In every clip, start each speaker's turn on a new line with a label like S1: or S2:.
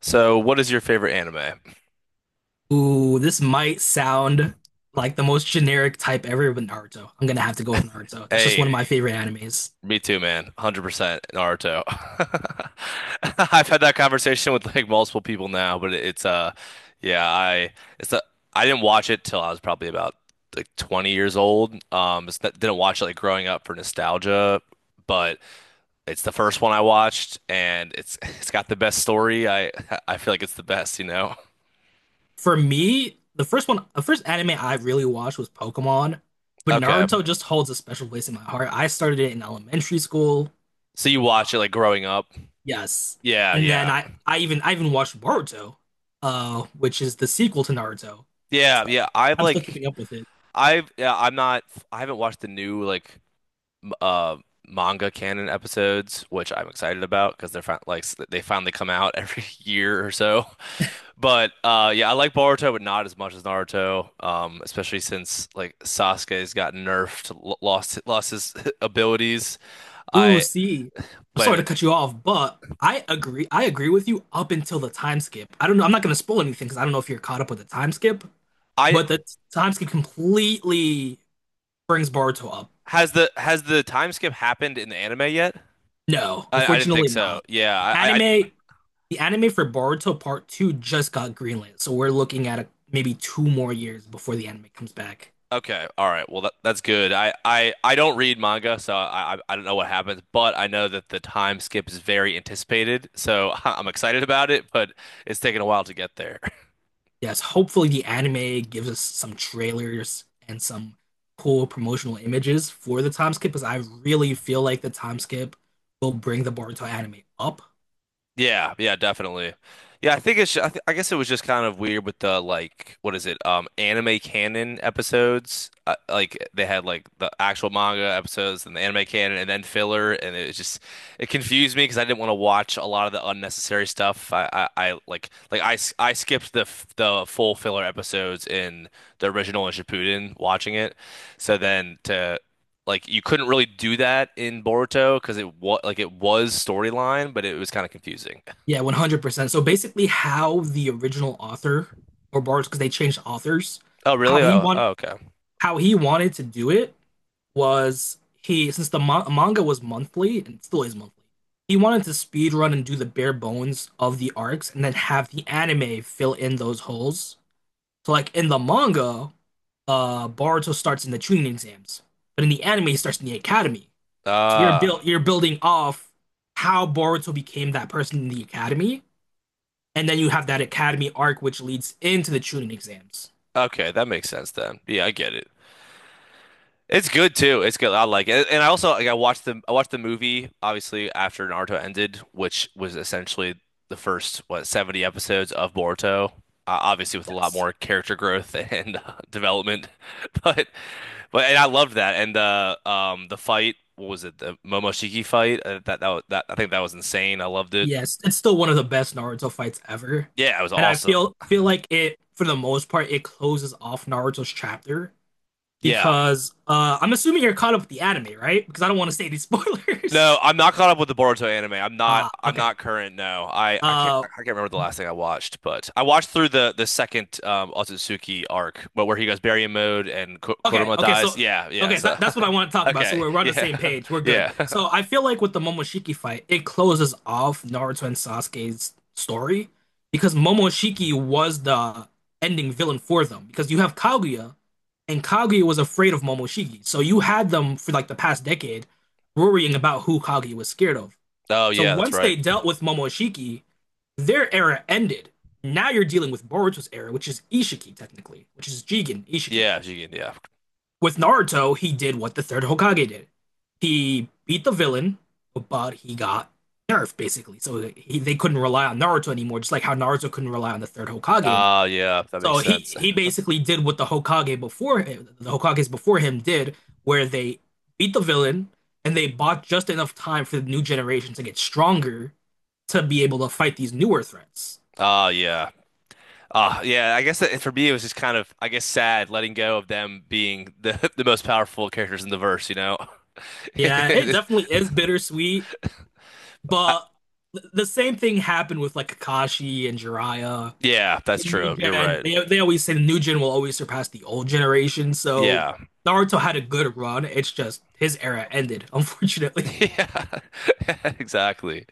S1: So, what is your favorite anime?
S2: Ooh, this might sound like the most generic type ever with Naruto. I'm gonna have to go with Naruto. That's just
S1: Hey,
S2: one of my favorite animes.
S1: me too, man. 100% Naruto. I've had that conversation with like multiple people now, but it's yeah, I it's a, I didn't watch it till I was probably about like 20 years old. It's not, didn't watch it like growing up for nostalgia, but it's the first one I watched and it's it's got the best story. I feel like it's the best.
S2: For me, the first one, the first anime I really watched was Pokemon, but
S1: Okay.
S2: Naruto just holds a special place in my heart. I started it in elementary school.
S1: So you watch it like growing up?
S2: Yes.
S1: Yeah,
S2: And then
S1: yeah.
S2: I even watched Boruto, which is the sequel to Naruto.
S1: Yeah, yeah. I've
S2: I'm still
S1: like
S2: keeping up with it.
S1: I've yeah, I'm not I haven't watched the new like m- uh manga canon episodes, which I'm excited about because they finally come out every year or so. But yeah, I like Boruto, but not as much as Naruto. Especially since like Sasuke's got nerfed, l lost lost his abilities.
S2: Ooh,
S1: I
S2: see, I'm sorry
S1: but
S2: to cut you off, but I agree. I agree with you up until the time skip. I don't know. I'm not going to spoil anything because I don't know if you're caught up with the time skip,
S1: I
S2: but the time skip completely brings Boruto up.
S1: has the time skip happened in the anime yet?
S2: No,
S1: I didn't think
S2: unfortunately
S1: so.
S2: not. The
S1: Yeah, I
S2: anime, the anime for Boruto Part 2 just got greenlit, so we're looking at maybe two more years before the anime comes back.
S1: Okay, all right. Well, that's good. I don't read manga, so I don't know what happens, but I know that the time skip is very anticipated, so I'm excited about it, but it's taken a while to get there.
S2: Yes, hopefully the anime gives us some trailers and some cool promotional images for the time skip because I really feel like the time skip will bring the Boruto anime up.
S1: Yeah, yeah, definitely. Yeah, I think it's. I, th I guess it was just kind of weird with the like, what is it? Anime canon episodes. Like they had like the actual manga episodes and the anime canon, and then filler, and it was just it confused me because I didn't want to watch a lot of the unnecessary stuff. I like I, s- I skipped the full filler episodes in the original and Shippuden watching it, so then to like you couldn't really do that in Boruto because it was like it was storyline, but it was kind of confusing.
S2: Yeah, 100%. So basically how the original author or Boruto because they changed authors,
S1: Oh,
S2: how
S1: really?
S2: he
S1: Oh,
S2: want
S1: oh, okay.
S2: how he wanted to do it was he since the ma manga was monthly and still is monthly. He wanted to speed run and do the bare bones of the arcs and then have the anime fill in those holes. So like in the manga, Boruto starts in the training exams, but in the anime, he starts in the academy. So
S1: Ah,
S2: you're building off how Boruto became that person in the academy, and then you have that academy arc which leads into the Chunin exams.
S1: okay, that makes sense then. Yeah, I get it. It's good too. It's good. I like it. And I also like I watched the movie obviously after Naruto ended, which was essentially the first what 70 episodes of Boruto. Obviously with a lot
S2: Yes.
S1: more character growth and development. But but and I loved that. And the the fight, what was it? The Momoshiki fight? That that was- that I think that was insane. I loved it.
S2: Yes, it's still one of the best Naruto fights ever.
S1: Yeah, it was
S2: And I
S1: awesome.
S2: feel feel like it for the most part it closes off Naruto's chapter
S1: Yeah.
S2: because I'm assuming you're caught up with the anime, right? Because I don't want to say any
S1: No,
S2: spoilers.
S1: I'm not caught up with the Boruto anime. I'm not.
S2: Ah,
S1: I'm
S2: okay.
S1: not current. No, I can't.
S2: Uh
S1: I can't remember the last thing I watched, but I watched through the second Otsutsuki arc, but where he goes Baryon mode and
S2: Okay,
S1: Kurama
S2: okay,
S1: dies.
S2: so
S1: Yeah, yeah. So,
S2: that, that's what I want to talk about. So
S1: okay,
S2: we're on the
S1: yeah,
S2: same page. We're good.
S1: yeah.
S2: So I feel like with the Momoshiki fight, it closes off Naruto and Sasuke's story because Momoshiki was the ending villain for them. Because you have Kaguya, and Kaguya was afraid of Momoshiki. So you had them for like the past decade worrying about who Kaguya was scared of.
S1: Oh
S2: So
S1: yeah, that's
S2: once
S1: right.
S2: they dealt with Momoshiki, their era ended. Now you're dealing with Boruto's era, which is Ishiki technically, which is Jigen, Ishiki.
S1: Yeah, Jigen. Yeah.
S2: With Naruto, he did what the third Hokage did. He beat the villain, but he got nerfed basically. So they couldn't rely on Naruto anymore, just like how Naruto couldn't rely on the third Hokage anymore.
S1: Oh yeah, that
S2: So
S1: makes
S2: he
S1: sense.
S2: he basically did what the Hokage before him, the Hokages before him did, where they beat the villain and they bought just enough time for the new generation to get stronger to be able to fight these newer threats.
S1: Oh yeah. Yeah, I guess that for me it was just kind of, I guess, sad letting go of them being the the most powerful characters in the verse, you know?
S2: Yeah, it definitely is bittersweet.
S1: I,
S2: But the same thing happened with like Kakashi and Jiraiya.
S1: Yeah,
S2: The
S1: that's
S2: new
S1: true. You're
S2: gen,
S1: right.
S2: they always say the new gen will always surpass the old generation. So
S1: Yeah.
S2: Naruto had a good run. It's just his era ended, unfortunately.
S1: Yeah. Exactly.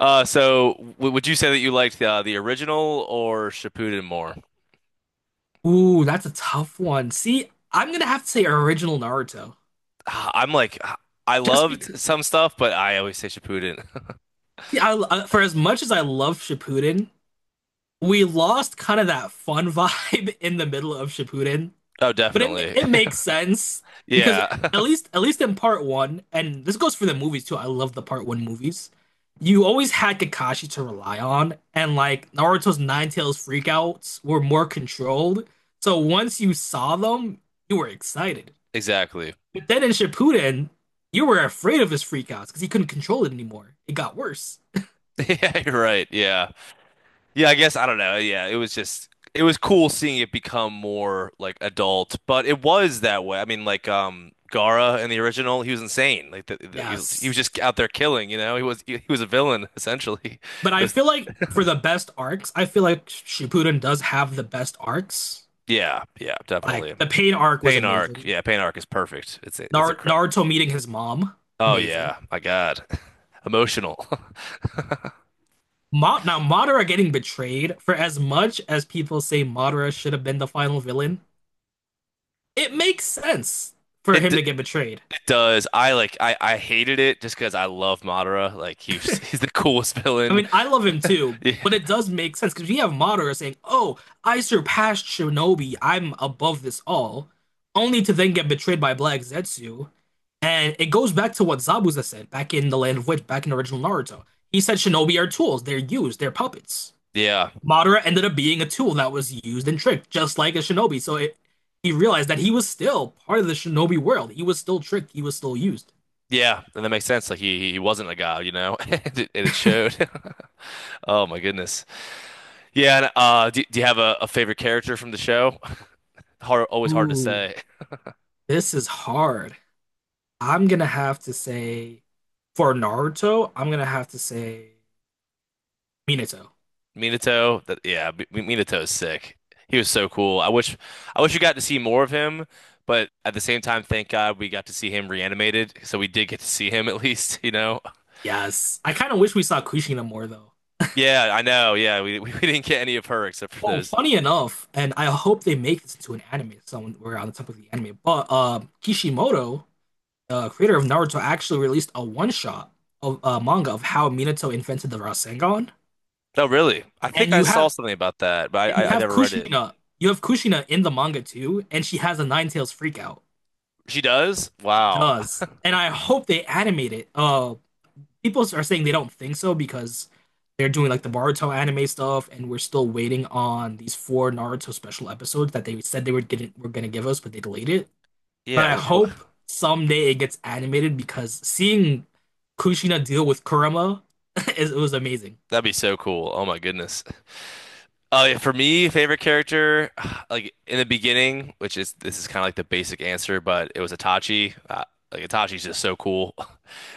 S1: So w would you say that you liked the original or Shippuden more?
S2: Ooh, that's a tough one. See, I'm gonna have to say original Naruto.
S1: Ah, I'm like ah, I
S2: Just because,
S1: loved some stuff, but I always say Shippuden.
S2: see, for as much as I love Shippuden, we lost kind of that fun vibe in the middle of Shippuden.
S1: Oh,
S2: But
S1: definitely.
S2: it makes sense because yeah,
S1: Yeah.
S2: at least in part one, and this goes for the movies too. I love the part one movies. You always had Kakashi to rely on, and like Naruto's Nine Tails freakouts were more controlled. So once you saw them, you were excited.
S1: Exactly.
S2: But then in Shippuden, you were afraid of his freakouts because he couldn't control it anymore. It got worse.
S1: Yeah, you're right. Yeah. Yeah, I guess I don't know. Yeah, it was just it was cool seeing it become more like adult, but it was that way. I mean, like Gaara in the original, he was insane. He was
S2: Yes.
S1: just out there killing, you know. He was a villain essentially.
S2: But
S1: It
S2: I
S1: was
S2: feel like for the best arcs, I feel like Shippuden does have the best arcs.
S1: yeah, yeah,
S2: Like
S1: definitely.
S2: the pain arc was
S1: Pain arc,
S2: amazing.
S1: yeah, Pain arc is perfect. It's incredible.
S2: Naruto meeting his mom.
S1: Oh
S2: Amazing.
S1: yeah, my God, emotional.
S2: Ma now Madara getting betrayed. For as much as people say Madara should have been the final villain, it makes sense for
S1: It,
S2: him
S1: d
S2: to get betrayed.
S1: it does. I like. I hated it just because I love Madara. Like he was, he's the coolest
S2: I
S1: villain.
S2: mean, I love him too,
S1: Yeah,
S2: but it does make sense because we have Madara saying, "Oh, I surpassed Shinobi. I'm above this all," only to then get betrayed by Black Zetsu. And it goes back to what Zabuza said back in the Land of Witch, back in original Naruto. He said Shinobi are tools. They're used. They're puppets.
S1: yeah.
S2: Madara ended up being a tool that was used and tricked, just like a shinobi. So he realized that he was still part of the shinobi world. He was still tricked. He was still used.
S1: Yeah, and that makes sense. Like he wasn't a guy, you know, and and it showed. Oh my goodness. Yeah, and do you have a favorite character from the show? Hard, always hard to
S2: Ooh,
S1: say.
S2: this is hard. I'm gonna have to say, for Naruto, I'm gonna have to say Minato.
S1: Minato, that yeah, Minato is sick. He was so cool. I wish we got to see more of him, but at the same time, thank God we got to see him reanimated, so we did get to see him at least, you know.
S2: Yes. I kind of wish we saw Kushina more though.
S1: Yeah, I know. Yeah, we didn't get any of her except for
S2: Oh,
S1: those.
S2: funny enough, and I hope they make this into an anime somewhere on the top of the anime. But Kishimoto creator of Naruto actually released a one shot of a manga of how Minato invented the Rasengan,
S1: No, really. I think
S2: and
S1: I saw something about that, but I I, I never read it.
S2: You have Kushina in the manga too, and she has a Nine Tails freakout.
S1: She does?
S2: She
S1: Wow.
S2: does, and I hope they animate it. People are saying they don't think so because they're doing like the Naruto anime stuff, and we're still waiting on these four Naruto special episodes that they said were gonna give us, but they delayed it. But
S1: Yeah,
S2: I
S1: w
S2: hope
S1: w-
S2: someday it gets animated because seeing Kushina deal with Kurama is it was amazing.
S1: That'd be so cool. Oh my goodness. Yeah, for me, favorite character, like in the beginning, which is this is kind of like the basic answer, but it was Itachi. Like Itachi's just so cool.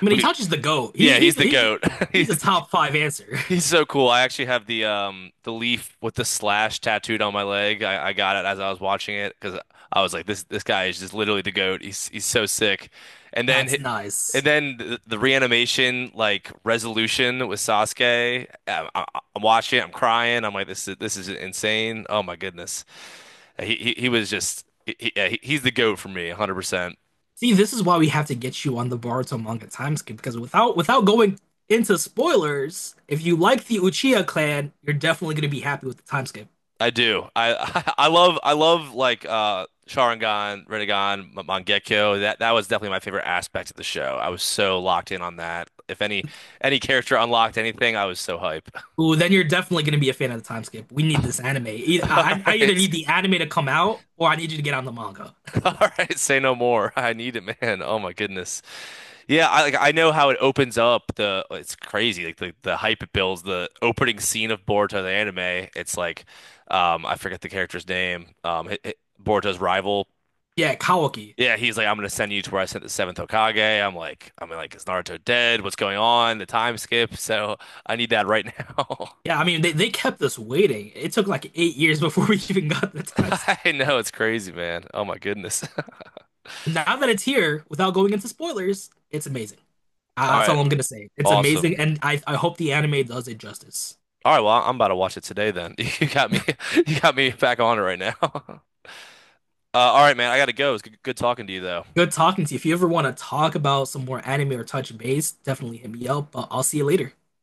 S2: I mean, he
S1: We,
S2: touches the GOAT.
S1: yeah,
S2: He,
S1: he's
S2: he's
S1: the
S2: he's
S1: goat.
S2: he's a
S1: He's the.
S2: top five answer.
S1: He's so cool. I actually have the the leaf with the slash tattooed on my leg. I got it as I was watching it because I was like, this guy is just literally the goat. He's so sick. And then
S2: That's
S1: hi-
S2: nice.
S1: and then the reanimation like resolution with Sasuke. I'm watching it. I'm crying. I'm like, this is insane. Oh my goodness. He was just he, yeah, he- he's the goat for me, 100%.
S2: See, this is why we have to get you on the Boruto manga time skip because without going into spoilers, if you like the Uchiha clan, you're definitely going to be happy with the time skip.
S1: I do. I I love like Sharingan, Rinnegan, Mangekyo. That that was definitely my favorite aspect of the show. I was so locked in on that. If any any character unlocked anything, I was so hype.
S2: Ooh, then you're definitely going to be a fan of the time skip. We need this anime.
S1: All
S2: I either
S1: right.
S2: need the anime to come out or I need you to get on the manga.
S1: All right, say no more. I need it, man. Oh my goodness. Yeah, I like I know how it opens up the it's crazy like the hype it builds the opening scene of Boruto the anime. It's like I forget the character's name. Boruto's rival.
S2: Yeah, Kawaki.
S1: Yeah, he's like, I'm gonna send you to where I sent the seventh Hokage. I'm like, is Naruto dead? What's going on? The time skip. So I need that right now.
S2: Yeah, I mean they kept us waiting. It took like 8 years before we even got the time skip.
S1: I know it's crazy, man. Oh my goodness.
S2: Now that it's here, without going into spoilers, it's amazing.
S1: All
S2: That's
S1: right,
S2: all I'm gonna say. It's amazing,
S1: awesome.
S2: and I hope the anime does it justice.
S1: All right, well, I'm about to watch it today then. You got me, you got me back on it right now. All right, man, I gotta go. It's good, good talking to you though.
S2: Good talking to you. If you ever want to talk about some more anime or touch base, definitely hit me up. But I'll see you later.